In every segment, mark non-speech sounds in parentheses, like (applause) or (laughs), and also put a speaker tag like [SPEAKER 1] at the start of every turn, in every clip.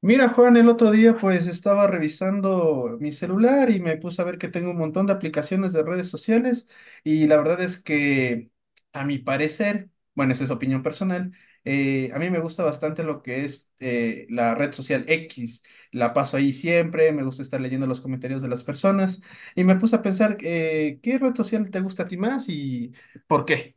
[SPEAKER 1] Mira, Juan, el otro día pues estaba revisando mi celular y me puse a ver que tengo un montón de aplicaciones de redes sociales y la verdad es que a mi parecer, bueno, esa es opinión personal, a mí me gusta bastante lo que es la red social X. La paso ahí siempre, me gusta estar leyendo los comentarios de las personas y me puse a pensar ¿qué red social te gusta a ti más y por qué?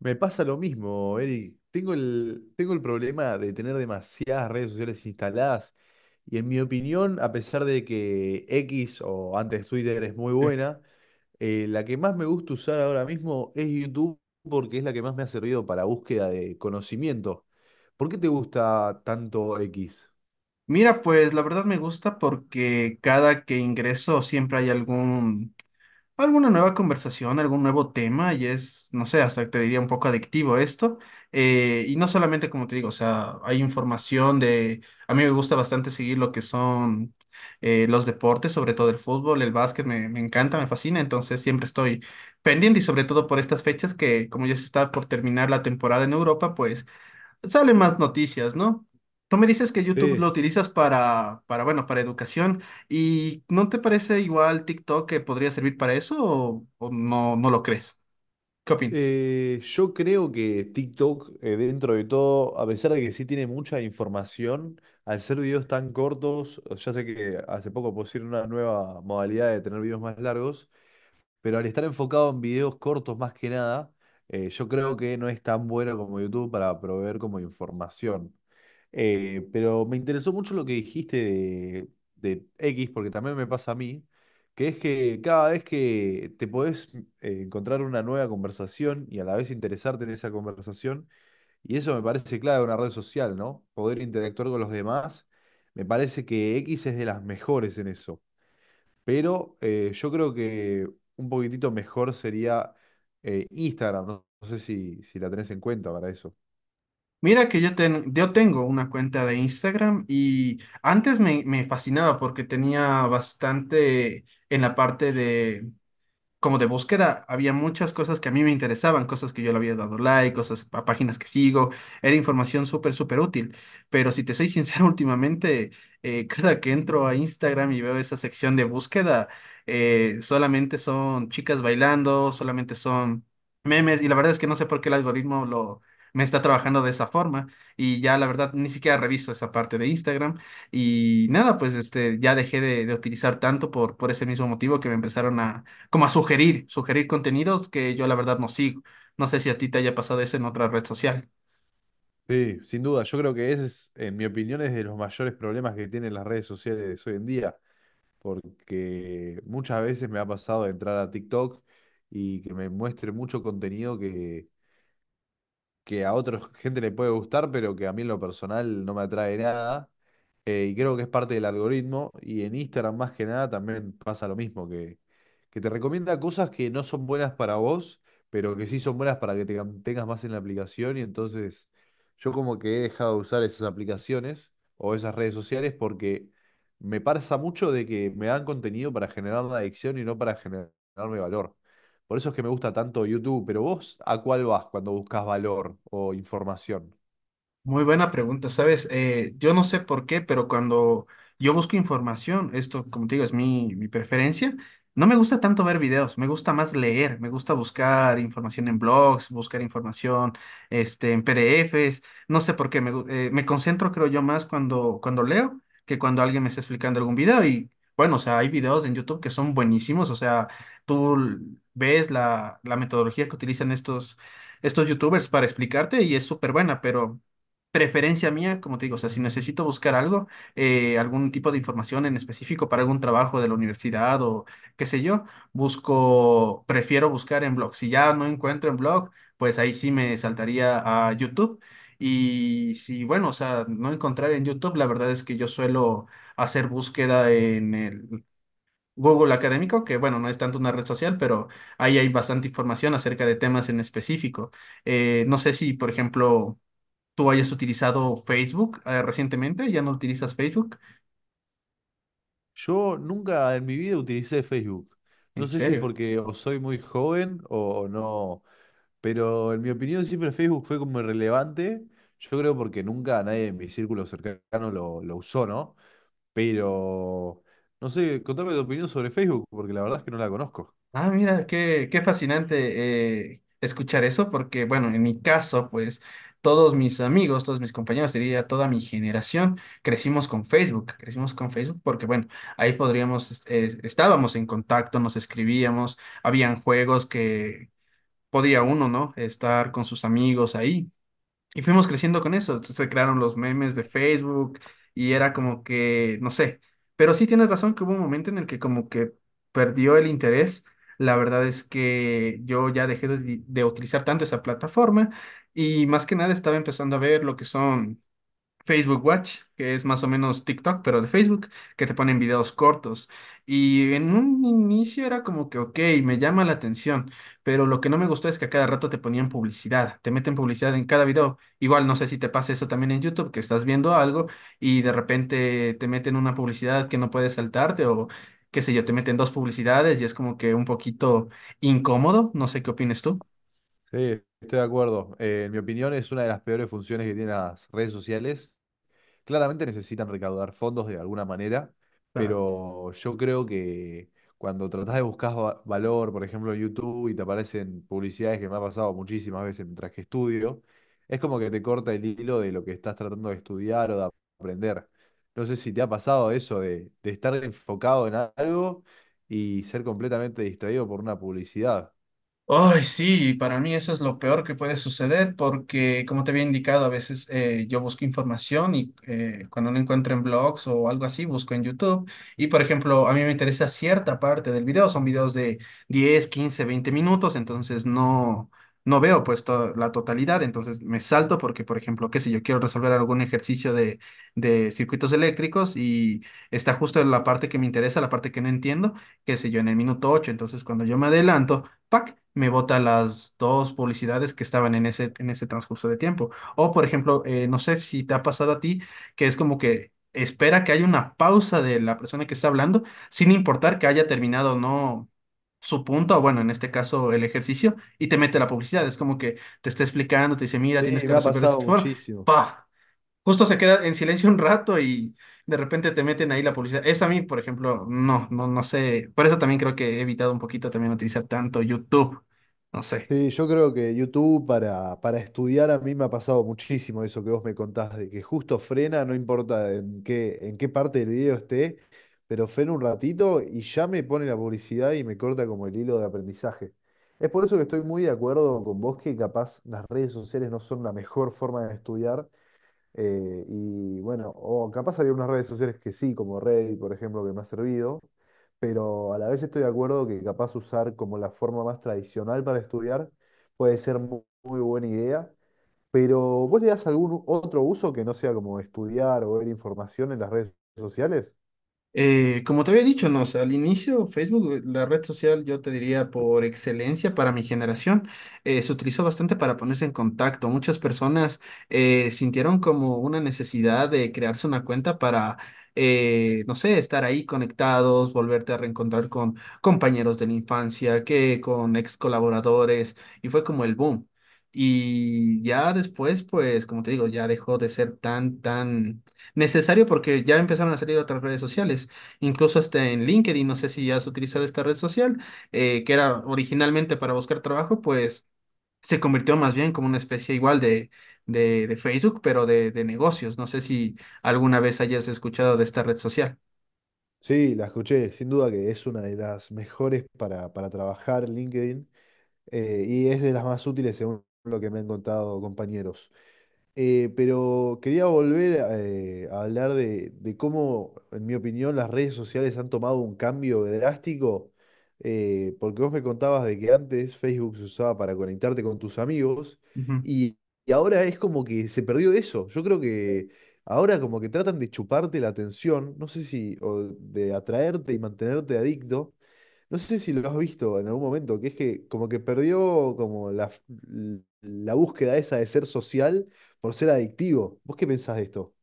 [SPEAKER 2] Me pasa lo mismo, Eric. Tengo el problema de tener demasiadas redes sociales instaladas y en mi opinión, a pesar de que X o antes Twitter es muy
[SPEAKER 1] Sí.
[SPEAKER 2] buena, la que más me gusta usar ahora mismo es YouTube porque es la que más me ha servido para búsqueda de conocimiento. ¿Por qué te gusta tanto X?
[SPEAKER 1] Mira, pues la verdad me gusta porque cada que ingreso siempre hay algún alguna nueva conversación, algún nuevo tema y es, no sé, hasta te diría un poco adictivo esto. Y no solamente, como te digo, o sea, hay información de, a mí me gusta bastante seguir lo que son los deportes, sobre todo el fútbol, el básquet, me encanta, me fascina, entonces siempre estoy pendiente y sobre todo por estas fechas que como ya se está por terminar la temporada en Europa, pues salen más noticias, ¿no? Tú me dices que YouTube lo
[SPEAKER 2] Sí.
[SPEAKER 1] utilizas para, bueno, para educación. ¿Y no te parece igual TikTok que podría servir para eso o no, no lo crees? ¿Qué opinas?
[SPEAKER 2] Yo creo que TikTok, dentro de todo, a pesar de que sí tiene mucha información, al ser videos tan cortos, ya sé que hace poco pusieron una nueva modalidad de tener videos más largos, pero al estar enfocado en videos cortos más que nada, yo creo que no es tan bueno como YouTube para proveer como información. Pero me interesó mucho lo que dijiste de X, porque también me pasa a mí, que es que cada vez que te podés encontrar una nueva conversación y a la vez interesarte en esa conversación, y eso me parece clave en una red social, ¿no? Poder interactuar con los demás, me parece que X es de las mejores en eso. Pero yo creo que un poquitito mejor sería Instagram, ¿no? No sé si la tenés en cuenta para eso.
[SPEAKER 1] Mira que yo tengo una cuenta de Instagram y antes me fascinaba porque tenía bastante en la parte de como de búsqueda, había muchas cosas que a mí me interesaban, cosas que yo le había dado like, cosas a páginas que sigo, era información súper, súper útil. Pero si te soy sincero, (laughs) últimamente, cada que entro a Instagram y veo esa sección de búsqueda, solamente son chicas bailando, solamente son memes, y la verdad es que no sé por qué el algoritmo me está trabajando de esa forma y ya la verdad ni siquiera reviso esa parte de Instagram y nada, pues este ya dejé de utilizar tanto por ese mismo motivo que me empezaron como a sugerir contenidos que yo la verdad no sigo. No sé si a ti te haya pasado eso en otra red social.
[SPEAKER 2] Sí, sin duda. Yo creo que ese es, en mi opinión, es de los mayores problemas que tienen las redes sociales hoy en día, porque muchas veces me ha pasado de entrar a TikTok y que me muestre mucho contenido que a otra (laughs) gente le puede gustar, pero que a mí en lo personal no me atrae nada. Y creo que es parte del algoritmo. Y en Instagram más que nada también pasa lo mismo, que te recomienda cosas que no son buenas para vos, pero que sí son buenas para que te mantengas más en la aplicación. Y entonces yo como que he dejado de usar esas aplicaciones o esas redes sociales porque me pasa mucho de que me dan contenido para generar una adicción y no para generarme valor. Por eso es que me gusta tanto YouTube, pero vos ¿a cuál vas cuando buscas valor o información?
[SPEAKER 1] Muy buena pregunta, ¿sabes? Yo no sé por qué, pero cuando yo busco información, esto, como te digo, es mi preferencia, no me gusta tanto ver videos, me gusta más leer, me gusta buscar información en blogs, buscar información, este, en PDFs, no sé por qué, me concentro, creo yo, más cuando leo que cuando alguien me está explicando algún video y, bueno, o sea, hay videos en YouTube que son buenísimos, o sea, tú ves la metodología que utilizan estos YouTubers para explicarte y es súper buena, pero preferencia mía, como te digo, o sea, si necesito buscar algo, algún tipo de información en específico para algún trabajo de la universidad o qué sé yo, prefiero buscar en blog. Si ya no encuentro en blog, pues ahí sí me saltaría a YouTube. Y si, bueno, o sea, no encontrar en YouTube, la verdad es que yo suelo hacer búsqueda en el Google Académico, que bueno, no es tanto una red social, pero ahí hay bastante información acerca de temas en específico. No sé si, por ejemplo, tú hayas utilizado Facebook recientemente, ya no utilizas Facebook.
[SPEAKER 2] Yo nunca en mi vida utilicé Facebook. No
[SPEAKER 1] ¿En
[SPEAKER 2] sé si es
[SPEAKER 1] serio?
[SPEAKER 2] porque o soy muy joven o no, pero en mi opinión siempre Facebook fue como irrelevante. Yo creo porque nunca nadie en mi círculo cercano lo usó, ¿no? Pero no sé, contame tu opinión sobre Facebook, porque la verdad es que no la conozco.
[SPEAKER 1] Ah, mira, qué fascinante escuchar eso, porque bueno, en mi caso, pues todos mis amigos, todos mis compañeros, diría toda mi generación, crecimos con Facebook porque bueno, ahí podríamos, estábamos en contacto, nos escribíamos, habían juegos que podía uno, ¿no? Estar con sus amigos ahí. Y fuimos creciendo con eso. Entonces, se crearon los memes de Facebook y era como que, no sé. Pero sí tienes razón que hubo un momento en el que como que perdió el interés. La verdad es que yo ya dejé de utilizar tanto esa plataforma y más que nada estaba empezando a ver lo que son Facebook Watch, que es más o menos TikTok, pero de Facebook, que te ponen videos cortos. Y en un inicio era como que, ok, me llama la atención, pero lo que no me gustó es que a cada rato te ponían publicidad, te meten publicidad en cada video. Igual no sé si te pasa eso también en YouTube, que estás viendo algo y de repente te meten una publicidad que no puedes saltarte o qué sé yo, te meten dos publicidades y es como que un poquito incómodo. No sé qué opinas tú.
[SPEAKER 2] Sí, estoy de acuerdo. En mi opinión es una de las peores funciones que tienen las redes sociales. Claramente necesitan recaudar fondos de alguna manera, pero yo creo que cuando tratás de buscar valor, por ejemplo, en YouTube y te aparecen publicidades que me ha pasado muchísimas veces mientras que estudio, es como que te corta el hilo de lo que estás tratando de estudiar o de aprender. No sé si te ha pasado eso de estar enfocado en algo y ser completamente distraído por una publicidad.
[SPEAKER 1] Ay, sí, para mí eso es lo peor que puede suceder porque, como te había indicado, a veces yo busco información y cuando no encuentro en blogs o algo así, busco en YouTube. Y, por ejemplo, a mí me interesa cierta parte del video, son videos de 10 15 20 minutos, entonces no, no veo pues toda la totalidad, entonces me salto porque, por ejemplo, qué sé, yo quiero resolver algún ejercicio de circuitos eléctricos y está justo en la parte que me interesa, la parte que no entiendo, qué sé yo, en el minuto 8 entonces cuando yo me adelanto ¡pac! Me bota las dos publicidades que estaban en ese transcurso de tiempo. O, por ejemplo, no sé si te ha pasado a ti, que es como que espera que haya una pausa de la persona que está hablando, sin importar que haya terminado o no su punto, o bueno, en este caso el ejercicio, y te mete la publicidad. Es como que te está explicando, te dice, mira, tienes
[SPEAKER 2] Sí,
[SPEAKER 1] que
[SPEAKER 2] me ha
[SPEAKER 1] resolver de
[SPEAKER 2] pasado
[SPEAKER 1] esta forma.
[SPEAKER 2] muchísimo.
[SPEAKER 1] ¡Pah! Justo se queda en silencio un rato y de repente te meten ahí la publicidad. Eso a mí, por ejemplo, no, no, no sé. Por eso también creo que he evitado un poquito también utilizar tanto YouTube. No sé.
[SPEAKER 2] Sí, yo creo que YouTube para estudiar a mí me ha pasado muchísimo eso que vos me contás, de que justo frena, no importa en qué parte del video esté, pero frena un ratito y ya me pone la publicidad y me corta como el hilo de aprendizaje. Es por eso que estoy muy de acuerdo con vos que capaz las redes sociales no son la mejor forma de estudiar, y bueno, o capaz había unas redes sociales que sí, como Reddit, por ejemplo, que me ha servido, pero a la vez estoy de acuerdo que capaz usar como la forma más tradicional para estudiar puede ser muy buena idea, pero ¿vos le das algún otro uso que no sea como estudiar o ver información en las redes sociales?
[SPEAKER 1] Como te había dicho, no, o sea, al inicio Facebook, la red social, yo te diría por excelencia para mi generación, se utilizó bastante para ponerse en contacto. Muchas personas sintieron como una necesidad de crearse una cuenta para, no sé, estar ahí conectados, volverte a reencontrar con compañeros de la infancia, que con ex colaboradores, y fue como el boom. Y ya después, pues, como te digo, ya dejó de ser tan, tan necesario porque ya empezaron a salir otras redes sociales, incluso hasta en LinkedIn, no sé si has utilizado esta red social, que era originalmente para buscar trabajo, pues se convirtió más bien como una especie igual de Facebook, pero de negocios. No sé si alguna vez hayas escuchado de esta red social.
[SPEAKER 2] Sí, la escuché, sin duda que es una de las mejores para trabajar LinkedIn y es de las más útiles según lo que me han contado compañeros. Pero quería volver a hablar de cómo, en mi opinión, las redes sociales han tomado un cambio drástico, porque vos me contabas de que antes Facebook se usaba para conectarte con tus amigos y, y ahora es como que se perdió eso. Yo creo que ahora como que tratan de chuparte la atención, no sé si, o de atraerte y mantenerte adicto, no sé si lo has visto en algún momento, que es que como que perdió como la, la búsqueda esa de ser social por ser adictivo. ¿Vos qué pensás de esto?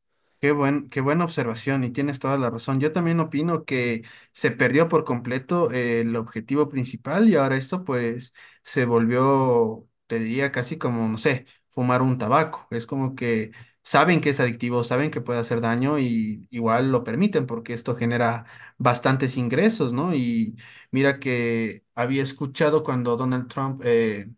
[SPEAKER 1] Qué buena observación y tienes toda la razón. Yo también opino que se perdió por completo el objetivo principal y ahora esto pues se volvió, te diría casi como, no sé, fumar un tabaco. Es como que saben que es adictivo, saben que puede hacer daño y igual lo permiten porque esto genera bastantes ingresos, ¿no? Y mira que había escuchado cuando Donald Trump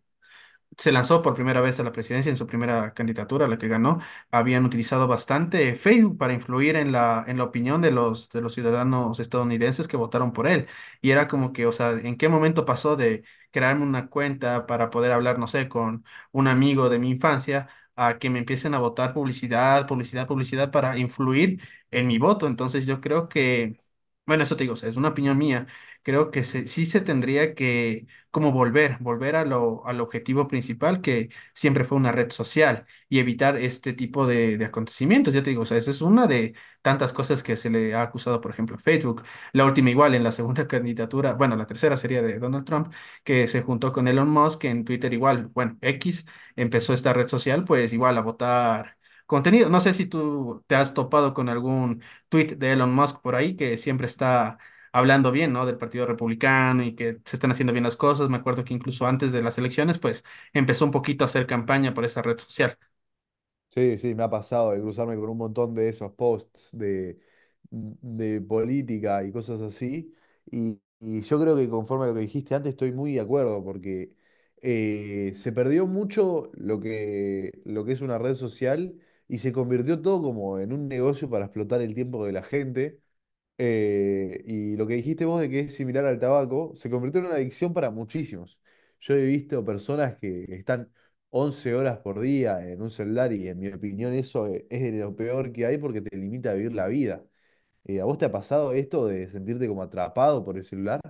[SPEAKER 1] se lanzó por primera vez a la presidencia en su primera candidatura, la que ganó, habían utilizado bastante Facebook para influir en la opinión de los ciudadanos estadounidenses que votaron por él. Y era como que, o sea, ¿en qué momento pasó de crearme una cuenta para poder hablar, no sé, con un amigo de mi infancia? A que me empiecen a votar publicidad, publicidad, publicidad para influir en mi voto. Entonces yo creo que, bueno, eso te digo, o sea, es una opinión mía. Creo que sí se tendría que como volver al objetivo principal que siempre fue una red social y evitar este tipo de acontecimientos. Ya te digo, o sea, esa es una de tantas cosas que se le ha acusado, por ejemplo, a Facebook. La última igual, en la segunda (laughs) candidatura, bueno, la tercera sería de Donald Trump, que se juntó con Elon Musk en Twitter igual, bueno, X empezó esta red social, pues igual a votar contenido. No sé si tú te has topado con algún tweet de Elon Musk por ahí que siempre está hablando bien, ¿no? Del Partido Republicano y que se están haciendo bien las cosas. Me acuerdo que incluso antes de las elecciones, pues empezó un poquito a hacer campaña por esa red social.
[SPEAKER 2] Sí, sí, me ha pasado de cruzarme con un montón de esos posts de política y cosas así. Y yo creo que conforme a lo que dijiste antes, estoy muy de acuerdo, porque se perdió mucho lo que es una red social y se convirtió todo como en un negocio para explotar el tiempo de la gente. Y lo que dijiste vos de que es similar al tabaco, se convirtió en una adicción para muchísimos. Yo he visto personas que están 11 horas por día en un celular y en mi opinión eso es de lo peor que hay porque te limita a vivir la vida. ¿A vos te ha pasado esto de sentirte como atrapado por el celular?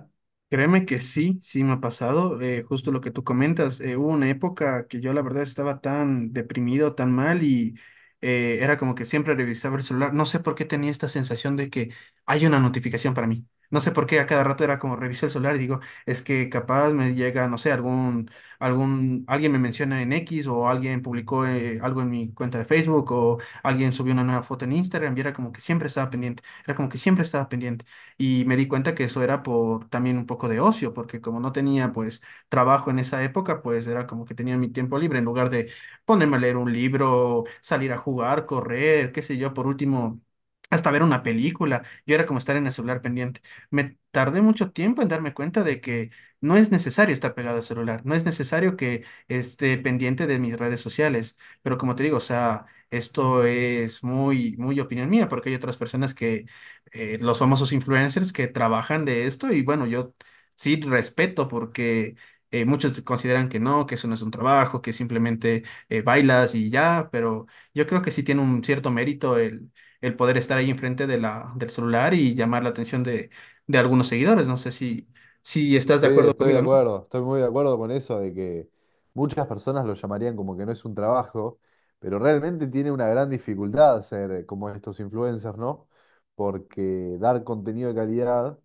[SPEAKER 1] Créeme que sí, sí me ha pasado, justo lo que tú comentas, hubo una época que yo la verdad estaba tan deprimido, tan mal y era como que siempre revisaba el celular, no sé por qué tenía esta sensación de que hay una notificación para mí, no sé por qué a cada rato era como reviso el celular y digo, es que capaz me llega, no sé, alguien me menciona en X o alguien publicó algo en mi cuenta de Facebook o alguien subió una nueva foto en Instagram y era como que siempre estaba pendiente, era como que siempre estaba pendiente y me di cuenta que eso era por también un poco de ocio, porque como no tenía pues trabajo en esa época, pues era como que tenía mi tiempo libre en lugar de ponerme a leer un libro, salir a jugar, correr, qué sé yo, por último, hasta ver una película. Yo era como estar en el celular pendiente. Me tardé mucho tiempo en darme cuenta de que no es necesario estar pegado al celular, no es necesario que esté pendiente de mis redes sociales, pero como te digo, o sea. Esto es muy, muy opinión mía, porque hay otras personas que los famosos influencers que trabajan de esto y bueno, yo sí respeto porque muchos consideran que no, que eso no es un trabajo, que simplemente bailas y ya, pero yo creo que sí tiene un cierto mérito el poder estar ahí enfrente del celular y llamar la atención de algunos seguidores. No sé si estás de
[SPEAKER 2] Sí,
[SPEAKER 1] acuerdo
[SPEAKER 2] estoy de
[SPEAKER 1] conmigo, ¿no?
[SPEAKER 2] acuerdo, estoy muy de acuerdo con eso de que muchas personas lo llamarían como que no es un trabajo, pero realmente tiene una gran dificultad ser como estos influencers, ¿no? Porque dar contenido de calidad,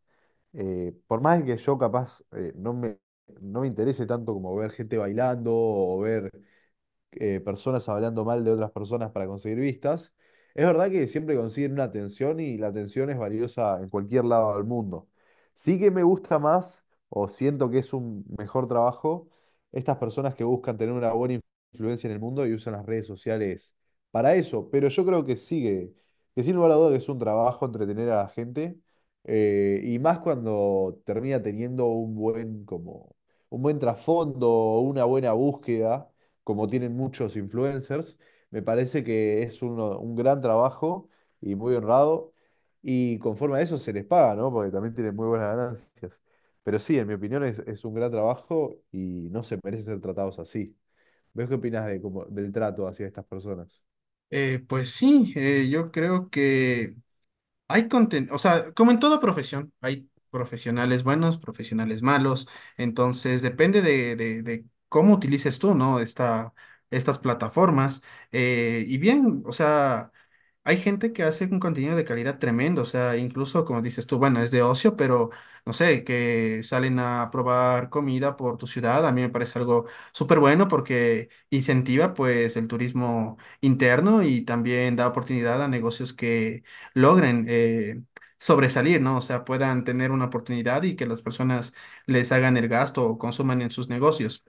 [SPEAKER 2] por más que yo capaz no me interese tanto como ver gente bailando o ver personas hablando mal de otras personas para conseguir vistas. Es verdad que siempre consiguen una atención y la atención es valiosa en cualquier lado del mundo. Sí que me gusta más o siento que es un mejor trabajo estas personas que buscan tener una buena influencia en el mundo y usan las redes sociales para eso, pero yo creo que sigue, que sin lugar a duda que es un trabajo entretener a la gente y más cuando termina teniendo un buen como un buen trasfondo, una buena búsqueda como tienen muchos influencers. Me parece que es un gran trabajo y muy honrado. Y conforme a eso se les paga, ¿no? Porque también tienen muy buenas ganancias. Pero sí, en mi opinión es un gran trabajo y no se merecen ser tratados así. ¿Ves qué opinas de, como del trato hacia estas personas?
[SPEAKER 1] Pues sí, yo creo que hay contenido, o sea, como en toda profesión, hay profesionales buenos, profesionales malos, entonces depende de cómo utilices tú, ¿no? Estas plataformas. Y bien, o sea, hay gente que hace un contenido de calidad tremendo, o sea, incluso como dices tú, bueno, es de ocio, pero no sé, que salen a probar comida por tu ciudad, a mí me parece algo súper bueno porque incentiva pues el turismo interno y también da oportunidad a negocios que logren sobresalir, ¿no? O sea, puedan tener una oportunidad y que las personas les hagan el gasto o consuman en sus negocios.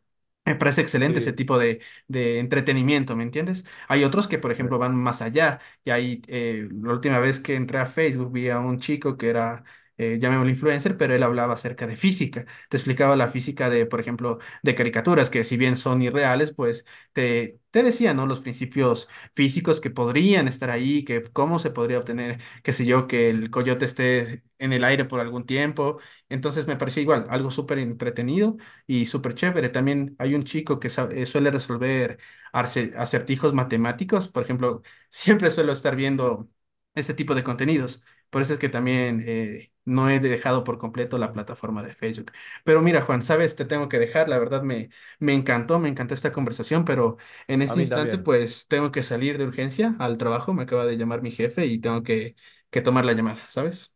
[SPEAKER 1] Me parece excelente ese
[SPEAKER 2] Sí.
[SPEAKER 1] tipo de entretenimiento, ¿me entiendes? Hay otros que, por ejemplo,
[SPEAKER 2] Sí.
[SPEAKER 1] van más allá. Y ahí, la última vez que entré a Facebook, vi a un chico que era, llamémoslo influencer, pero él hablaba acerca de física. Te explicaba la física de, por ejemplo, de caricaturas, que si bien son irreales, pues te decía, ¿no? Los principios físicos que podrían estar ahí, que cómo se podría obtener, qué sé yo, que el coyote esté en el aire por algún tiempo. Entonces me pareció igual, algo súper entretenido y súper chévere. También hay un chico que suele resolver acertijos matemáticos. Por ejemplo, (laughs) siempre suelo estar viendo ese tipo de contenidos. Por eso es que también no he dejado por completo la plataforma de Facebook. Pero mira, Juan, sabes, te tengo que dejar. La verdad me encantó, me encantó esta conversación, pero en
[SPEAKER 2] A
[SPEAKER 1] este
[SPEAKER 2] mí
[SPEAKER 1] instante,
[SPEAKER 2] también.
[SPEAKER 1] pues tengo que salir de urgencia al trabajo, me acaba de llamar mi jefe y tengo que tomar la llamada, ¿sabes?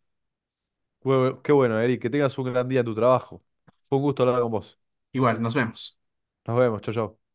[SPEAKER 2] Qué qué bueno, Eric, que tengas un gran día en tu trabajo. Fue un gusto hablar con vos.
[SPEAKER 1] Igual, nos vemos.
[SPEAKER 2] Nos vemos, chau, chau.